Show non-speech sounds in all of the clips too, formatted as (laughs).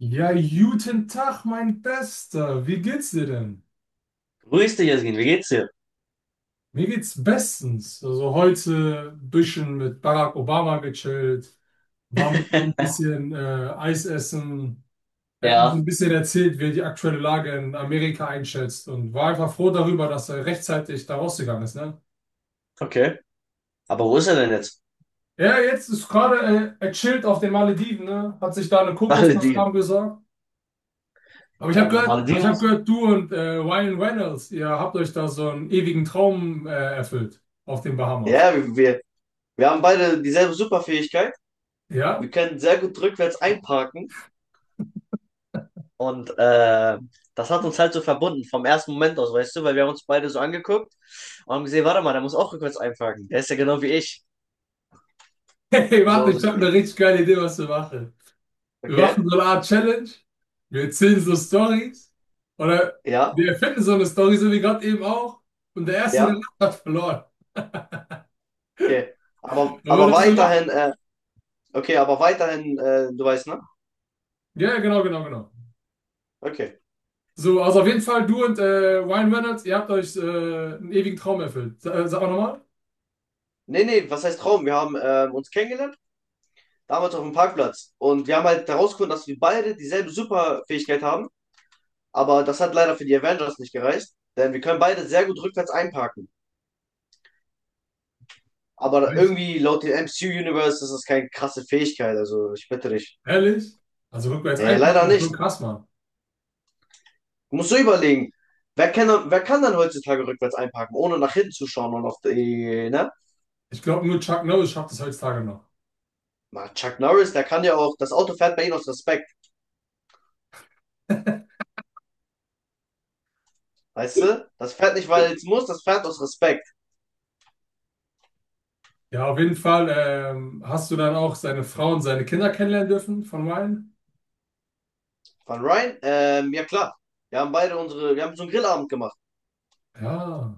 Ja, guten Tag, mein Bester. Wie geht's dir denn? Grüß dich, Jasmin, wie geht's dir? Mir geht's bestens. Also heute ein bisschen mit Barack Obama gechillt, war mit ihm ein (laughs) bisschen Eis essen, er hat mir so Ja, ein bisschen erzählt, wie er die aktuelle Lage in Amerika einschätzt und war einfach froh darüber, dass er rechtzeitig da rausgegangen ist, ne? okay. Aber wo ist er denn jetzt? Ja, jetzt ist gerade, er chillt auf den Malediven, ne? Hat sich da eine Kokosnuss Malediven. warm gesorgt. Aber ich habe Ja, gehört, aber ich Malediven. hab gehört, du und Ryan Reynolds, ihr habt euch da so einen ewigen Traum erfüllt auf den Bahamas. Ja, wir haben beide dieselbe Superfähigkeit. Ja? Wir (laughs) können sehr gut rückwärts einparken. Und das hat uns halt so verbunden vom ersten Moment aus, weißt du, weil wir haben uns beide so angeguckt und haben gesehen, warte mal, der muss auch rückwärts einparken. Der ist ja genau wie ich. Hey, So, warte, ich habe eine richtig geile Idee, was wir machen. Wir machen okay, so eine Art Challenge, wir erzählen so Stories oder ja, wir erfinden so eine Story, so wie gerade eben auch. Und der Erste, der ja, lacht, hat verloren. okay. Aber, Wollen wir aber das so machen? weiterhin, okay, aber weiterhin, du weißt, ne? Ja, ja, genau, genau, genau. Okay. So, also auf jeden Fall, du und Ryan Reynolds, ihr habt euch einen ewigen Traum erfüllt. Sag mal nochmal. Nee, nee, was heißt Traum? Wir haben uns kennengelernt, damals auf dem Parkplatz. Und wir haben halt herausgefunden, dass wir beide dieselbe Superfähigkeit haben. Aber das hat leider für die Avengers nicht gereicht. Denn wir können beide sehr gut rückwärts einparken. Aber Nicht? irgendwie laut dem MCU-Universe ist das keine krasse Fähigkeit. Also ich bitte dich. Ehrlich? Also rückwärts Nee, leider einpacken, schon nicht. krass, Mann. Du musst so überlegen. Wer kann dann heutzutage rückwärts einparken, ohne nach hinten zu schauen und auf die, ne? Ich glaube, nur Chuck Norris schafft es heutzutage noch. Mal Chuck Norris, der kann ja auch, das Auto fährt bei ihm aus Respekt. Weißt du? Das fährt nicht, weil es muss, das fährt aus Respekt. Ja, auf jeden Fall. Hast du dann auch seine Frau und seine Kinder kennenlernen dürfen von Ryan? Von Ryan? Ja klar. Wir haben so einen Grillabend gemacht. Ja.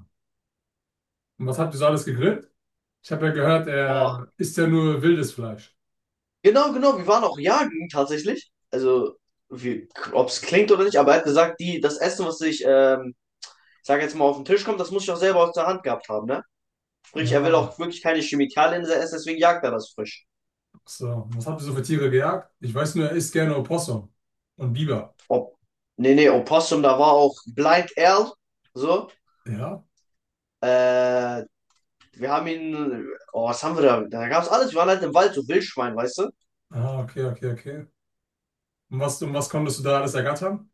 Und was habt ihr so alles gegrillt? Ich habe ja gehört, Boah. er isst ja nur wildes Fleisch. Genau, genau. Wir waren auch jagen tatsächlich. Also, ob es klingt oder nicht, aber er hat gesagt, die, das Essen, was ich, ich sag jetzt mal, auf den Tisch kommt, das muss ich auch selber aus der Hand gehabt haben, ne? Sprich, er will Ja. auch wirklich keine Chemikalien in sein Essen, deswegen jagt er das frisch. So, was habt ihr so für Tiere gejagt? Ich weiß nur, er isst gerne Opossum und Biber. Ob, nee, nee, Opossum, da war auch Blind Al, so. Ja? Äh, wir haben ihn, oh, was haben wir da? Da gab's alles. Wir waren halt im Wald, so Wildschwein, weißt du? Ah, okay, okay, okay. Und was konntest du da alles ergattern?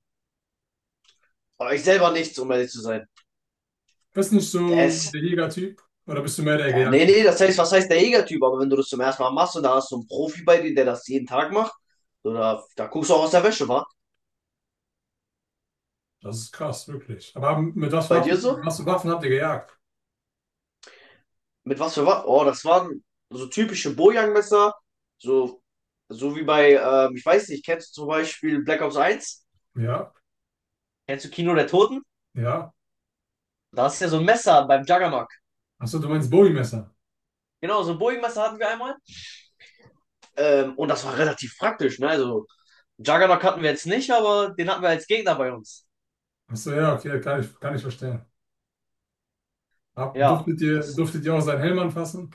Aber ich selber nichts, um ehrlich zu sein. Bist nicht Der so ist, der Jägertyp oder bist du mehr der Ja, nee, Gejagte? nee, das heißt, was heißt der Jägertyp? Aber wenn du das zum ersten Mal machst und da hast du einen Profi bei dir, der das jeden Tag macht, so, da guckst du auch aus der Wäsche, wa? Das ist krass, wirklich. Aber mit was Bei dir Waffen, so? was für Waffen habt ihr gejagt? Mit was für was? Oh, das waren so typische Bojang-Messer, so, so wie bei, ich weiß nicht, kennst du zum Beispiel Black Ops 1? Ja, Kennst du Kino der Toten? ja. Da ist ja so ein Messer beim Juggernaut. Achso, du meinst Bowie-Messer. Genau, so ein Bojang-Messer hatten wir einmal. Und das war relativ praktisch, ne? Also, Juggernaut hatten wir jetzt nicht, aber den hatten wir als Gegner bei uns. Achso, ja, okay, kann ich verstehen. Hab, Ja, das. durftet ihr auch seinen Helm anfassen?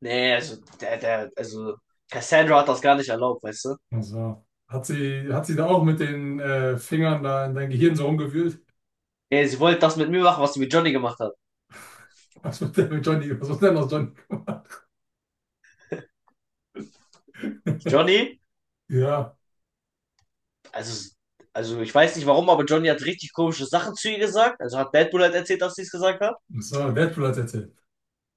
Nee, also, also, Cassandra hat das gar nicht erlaubt, weißt du? Also, hat sie da auch mit den Fingern da in dein Gehirn so rumgewühlt? Nee, sie wollte das mit mir machen, was sie mit Johnny gemacht hat. (laughs) Was wird denn mit Johnny, was wird denn aus Johnny gemacht? Johnny, Ja, also, also, ich weiß nicht warum, aber Johnny hat richtig komische Sachen zu ihr gesagt. Also hat Deadpool halt erzählt, dass sie es gesagt hat. so, Deadpool hat erzählt.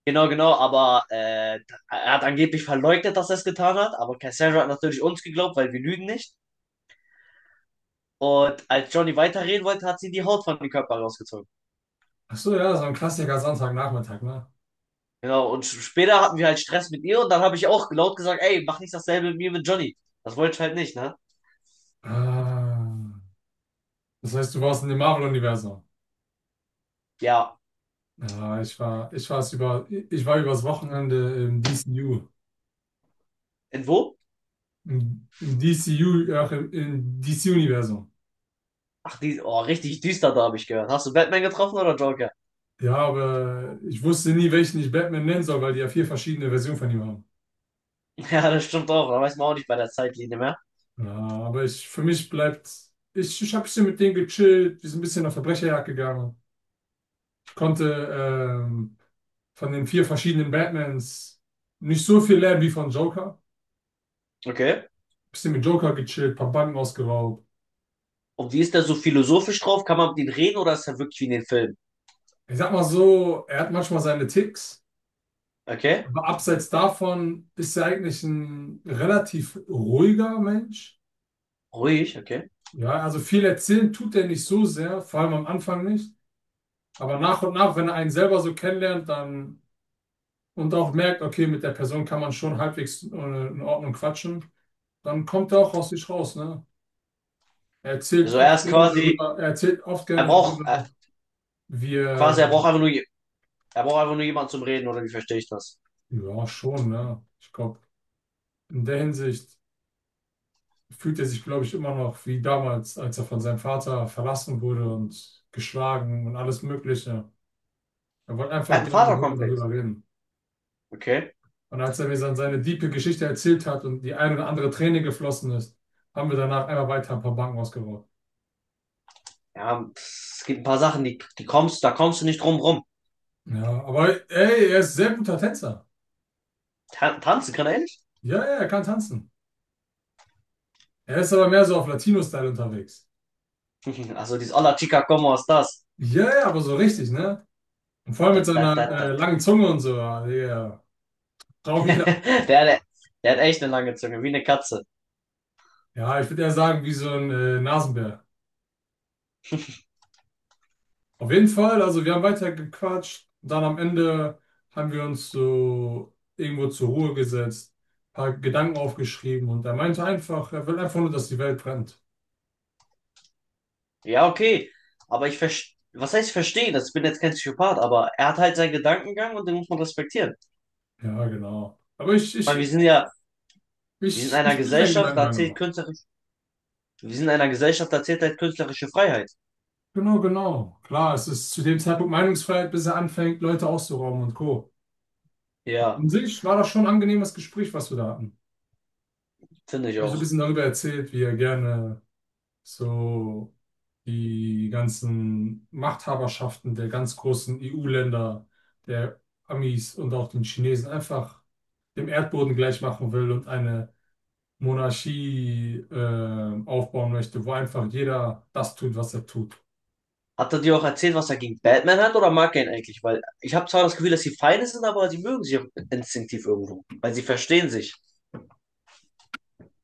Genau, genau, aber er hat angeblich verleugnet, dass er es getan hat. Aber Cassandra hat natürlich uns geglaubt, weil wir lügen nicht. Und als Johnny weiterreden wollte, hat sie die Haut von dem Körper rausgezogen. Achso, ja, so ein Klassiker Sonntagnachmittag, ne? Genau, und später hatten wir halt Stress mit ihr und dann habe ich auch laut gesagt, ey, mach nicht dasselbe mit mir mit Johnny. Das wollte ich halt nicht, ne? Ah, das heißt, du warst in dem Marvel-Universum. Ja, Ja, ich war übers Wochenende im DCU. in wo? Im, im DCU, ja, im DC-Universum. Ach, die, oh, richtig düster da habe ich gehört. Hast du Batman getroffen oder Joker? (laughs) Ja, aber ich wusste nie, welchen ich Batman nennen soll, weil die ja vier verschiedene Versionen von ihm haben. Ja, das stimmt auch. Da weiß man auch nicht bei der Zeitlinie mehr. Ja, aber ich, für mich bleibt, ich habe bisschen mit denen gechillt, wir sind ein bisschen auf Verbrecherjagd gegangen. Ich konnte ähm, von den vier verschiedenen Batmans nicht so viel lernen wie von Joker. Okay. Bisschen mit Joker gechillt, paar Banken ausgeraubt. Und wie ist der so philosophisch drauf? Kann man mit ihm reden oder ist er wirklich wie in den Filmen? Ich sag mal so, er hat manchmal seine Ticks, Okay. aber abseits davon ist er eigentlich ein relativ ruhiger Mensch. Ruhig, okay. Ja, also viel erzählen tut er nicht so sehr, vor allem am Anfang nicht. Aber nach und nach, wenn er einen selber so kennenlernt, dann und auch merkt, okay, mit der Person kann man schon halbwegs in Ordnung quatschen, dann kommt er auch aus sich raus, ne? Also er ist quasi, Er erzählt oft er gerne braucht, darüber, wie quasi, er, er braucht einfach nur jemanden zum Reden oder wie verstehe ich das? ja, schon, ne? Ich glaube, in der Hinsicht fühlt er sich, glaube ich, immer noch wie damals, als er von seinem Vater verlassen wurde und geschlagen und alles Mögliche. Er wollte Er hat einfach einen gerne mit jemandem Vaterkomplex. darüber reden. Okay. Und als er mir dann seine diepe Geschichte erzählt hat und die ein oder andere Träne geflossen ist, haben wir danach einfach weiter ein paar Banken ausgebaut. Ja, pff, es gibt ein paar Sachen, die kommst, da kommst du nicht drum rum. Ja, aber ey, er ist sehr guter Tänzer. Tanzen kann er nicht? Ja, ja, er kann tanzen. Er ist aber mehr so auf Latino-Style unterwegs. (laughs) Also dieses Hola Chica, ¿cómo estás? Ja, ja, aber so richtig, ne? Und vor allem Da, mit da, seiner da, da, langen Zunge und so. Ja, ja. Traum jeder. (laughs) Der, hat- der hat echt eine lange Zunge, wie eine Katze. Ja, ich würde eher sagen, wie so ein Nasenbär. Auf jeden Fall, also wir haben weiter gequatscht. Dann am Ende haben wir uns so irgendwo zur Ruhe gesetzt, paar Gedanken aufgeschrieben und er meinte einfach, er will einfach nur, dass die Welt brennt. Ja, okay. Aber ich verstehe, was heißt verstehen? Das- Ich bin jetzt kein Psychopath, aber er hat halt seinen Gedankengang und den muss man respektieren. Ja, genau. Aber ich, Ich meine, wir ich, sind ja, wir sind in ich, einer ich fühle seinen Gesellschaft, da Gedankengang zählt immer. künstlerisch, wir sind in einer Gesellschaft, da zählt halt künstlerische Freiheit. Genau, genau. Klar, es ist zu dem Zeitpunkt Meinungsfreiheit, bis er anfängt, Leute auszurauben und Co. Aber Ja, an sich war das schon ein angenehmes Gespräch, was wir da hatten. finde ich Habe ich so ein auch. bisschen darüber erzählt, wie er gerne so die ganzen Machthaberschaften der ganz großen EU-Länder, der Amis und auch den Chinesen einfach dem Erdboden gleich machen will und eine Monarchie aufbauen möchte, wo einfach jeder das tut, was er tut. Hat er dir auch erzählt, was er gegen Batman hat oder mag er ihn eigentlich? Weil ich habe zwar das Gefühl, dass sie Feinde sind, aber sie mögen sich instinktiv irgendwo, weil sie verstehen sich.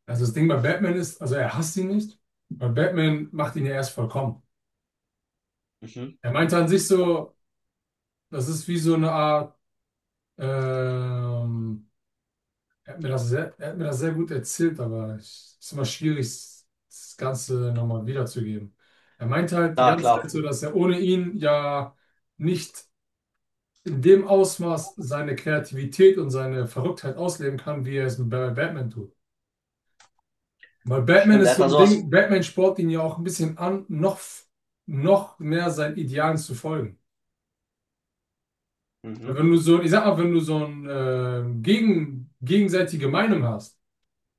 Also das Ding bei Batman ist, also er hasst ihn nicht, weil Batman macht ihn ja erst vollkommen. Mhm. Er meinte an sich so, das ist wie so eine Art ähm, er hat mir das sehr gut erzählt, aber es ist immer schwierig, das Ganze nochmal wiederzugeben. Er meinte halt die Ja, ganze klar. Zeit so, dass er ohne ihn ja nicht in dem Ausmaß seine Kreativität und seine Verrücktheit ausleben kann, wie er es bei Batman tut. Weil Batman Stimmt, er ist hat so da ein sowas. Ding, Batman spornt ihn ja auch ein bisschen an, noch mehr seinen Idealen zu folgen. Weil Mhm. wenn du so, ich sag mal, wenn du so eine gegenseitige Meinung hast,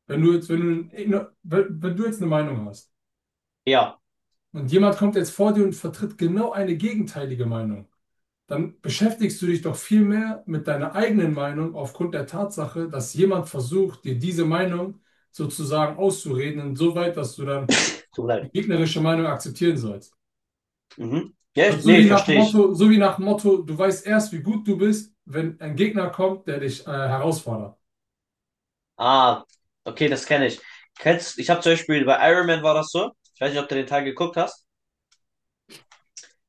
wenn du jetzt eine Meinung hast, Ja, und jemand kommt jetzt vor dir und vertritt genau eine gegenteilige Meinung, dann beschäftigst du dich doch viel mehr mit deiner eigenen Meinung aufgrund der Tatsache, dass jemand versucht, dir diese Meinung sozusagen auszureden, insoweit, dass du dann tut mir leid. die gegnerische Meinung akzeptieren sollst. Mhm. Ja, Das ich, ist so nee, wie ja, nach verstehe ich. Motto, so wie nach Motto, du weißt erst, wie gut du bist, wenn ein Gegner kommt, der dich herausfordert. Ah, okay, das kenne ich. Kennst, ich habe zum Beispiel bei Iron Man war das so. Ich weiß nicht, ob du den Teil geguckt hast.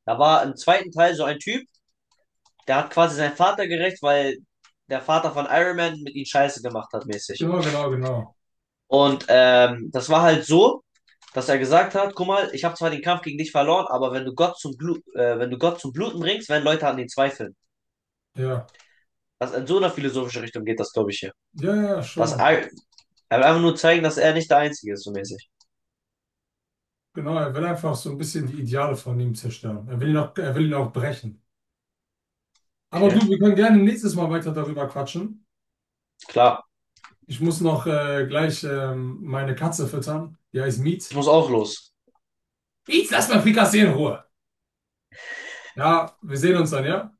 Da war im zweiten Teil so ein Typ, der hat quasi seinen Vater gerecht, weil der Vater von Iron Man mit ihm Scheiße gemacht hat, mäßig. Genau, genau, genau. Und das war halt so, dass er gesagt hat, guck mal, ich habe zwar den Kampf gegen dich verloren, aber wenn du Gott zum Blu wenn du Gott zum Bluten bringst, werden Leute an ihn zweifeln. Ja, Das in so einer philosophischen Richtung geht das, glaube ich, hier. ja, ja, Dass schon. er will einfach nur zeigen, dass er nicht der Einzige ist, so mäßig. Genau, er will einfach so ein bisschen die Ideale von ihm zerstören. Er will ihn auch brechen. Aber Okay, du, wir können gerne nächstes Mal weiter darüber quatschen. klar. Ich muss noch gleich meine Katze füttern. Die heißt Ich Miet. muss auch los. Miet, lass mal Frikassee in Ruhe. Ja, wir sehen uns dann, ja?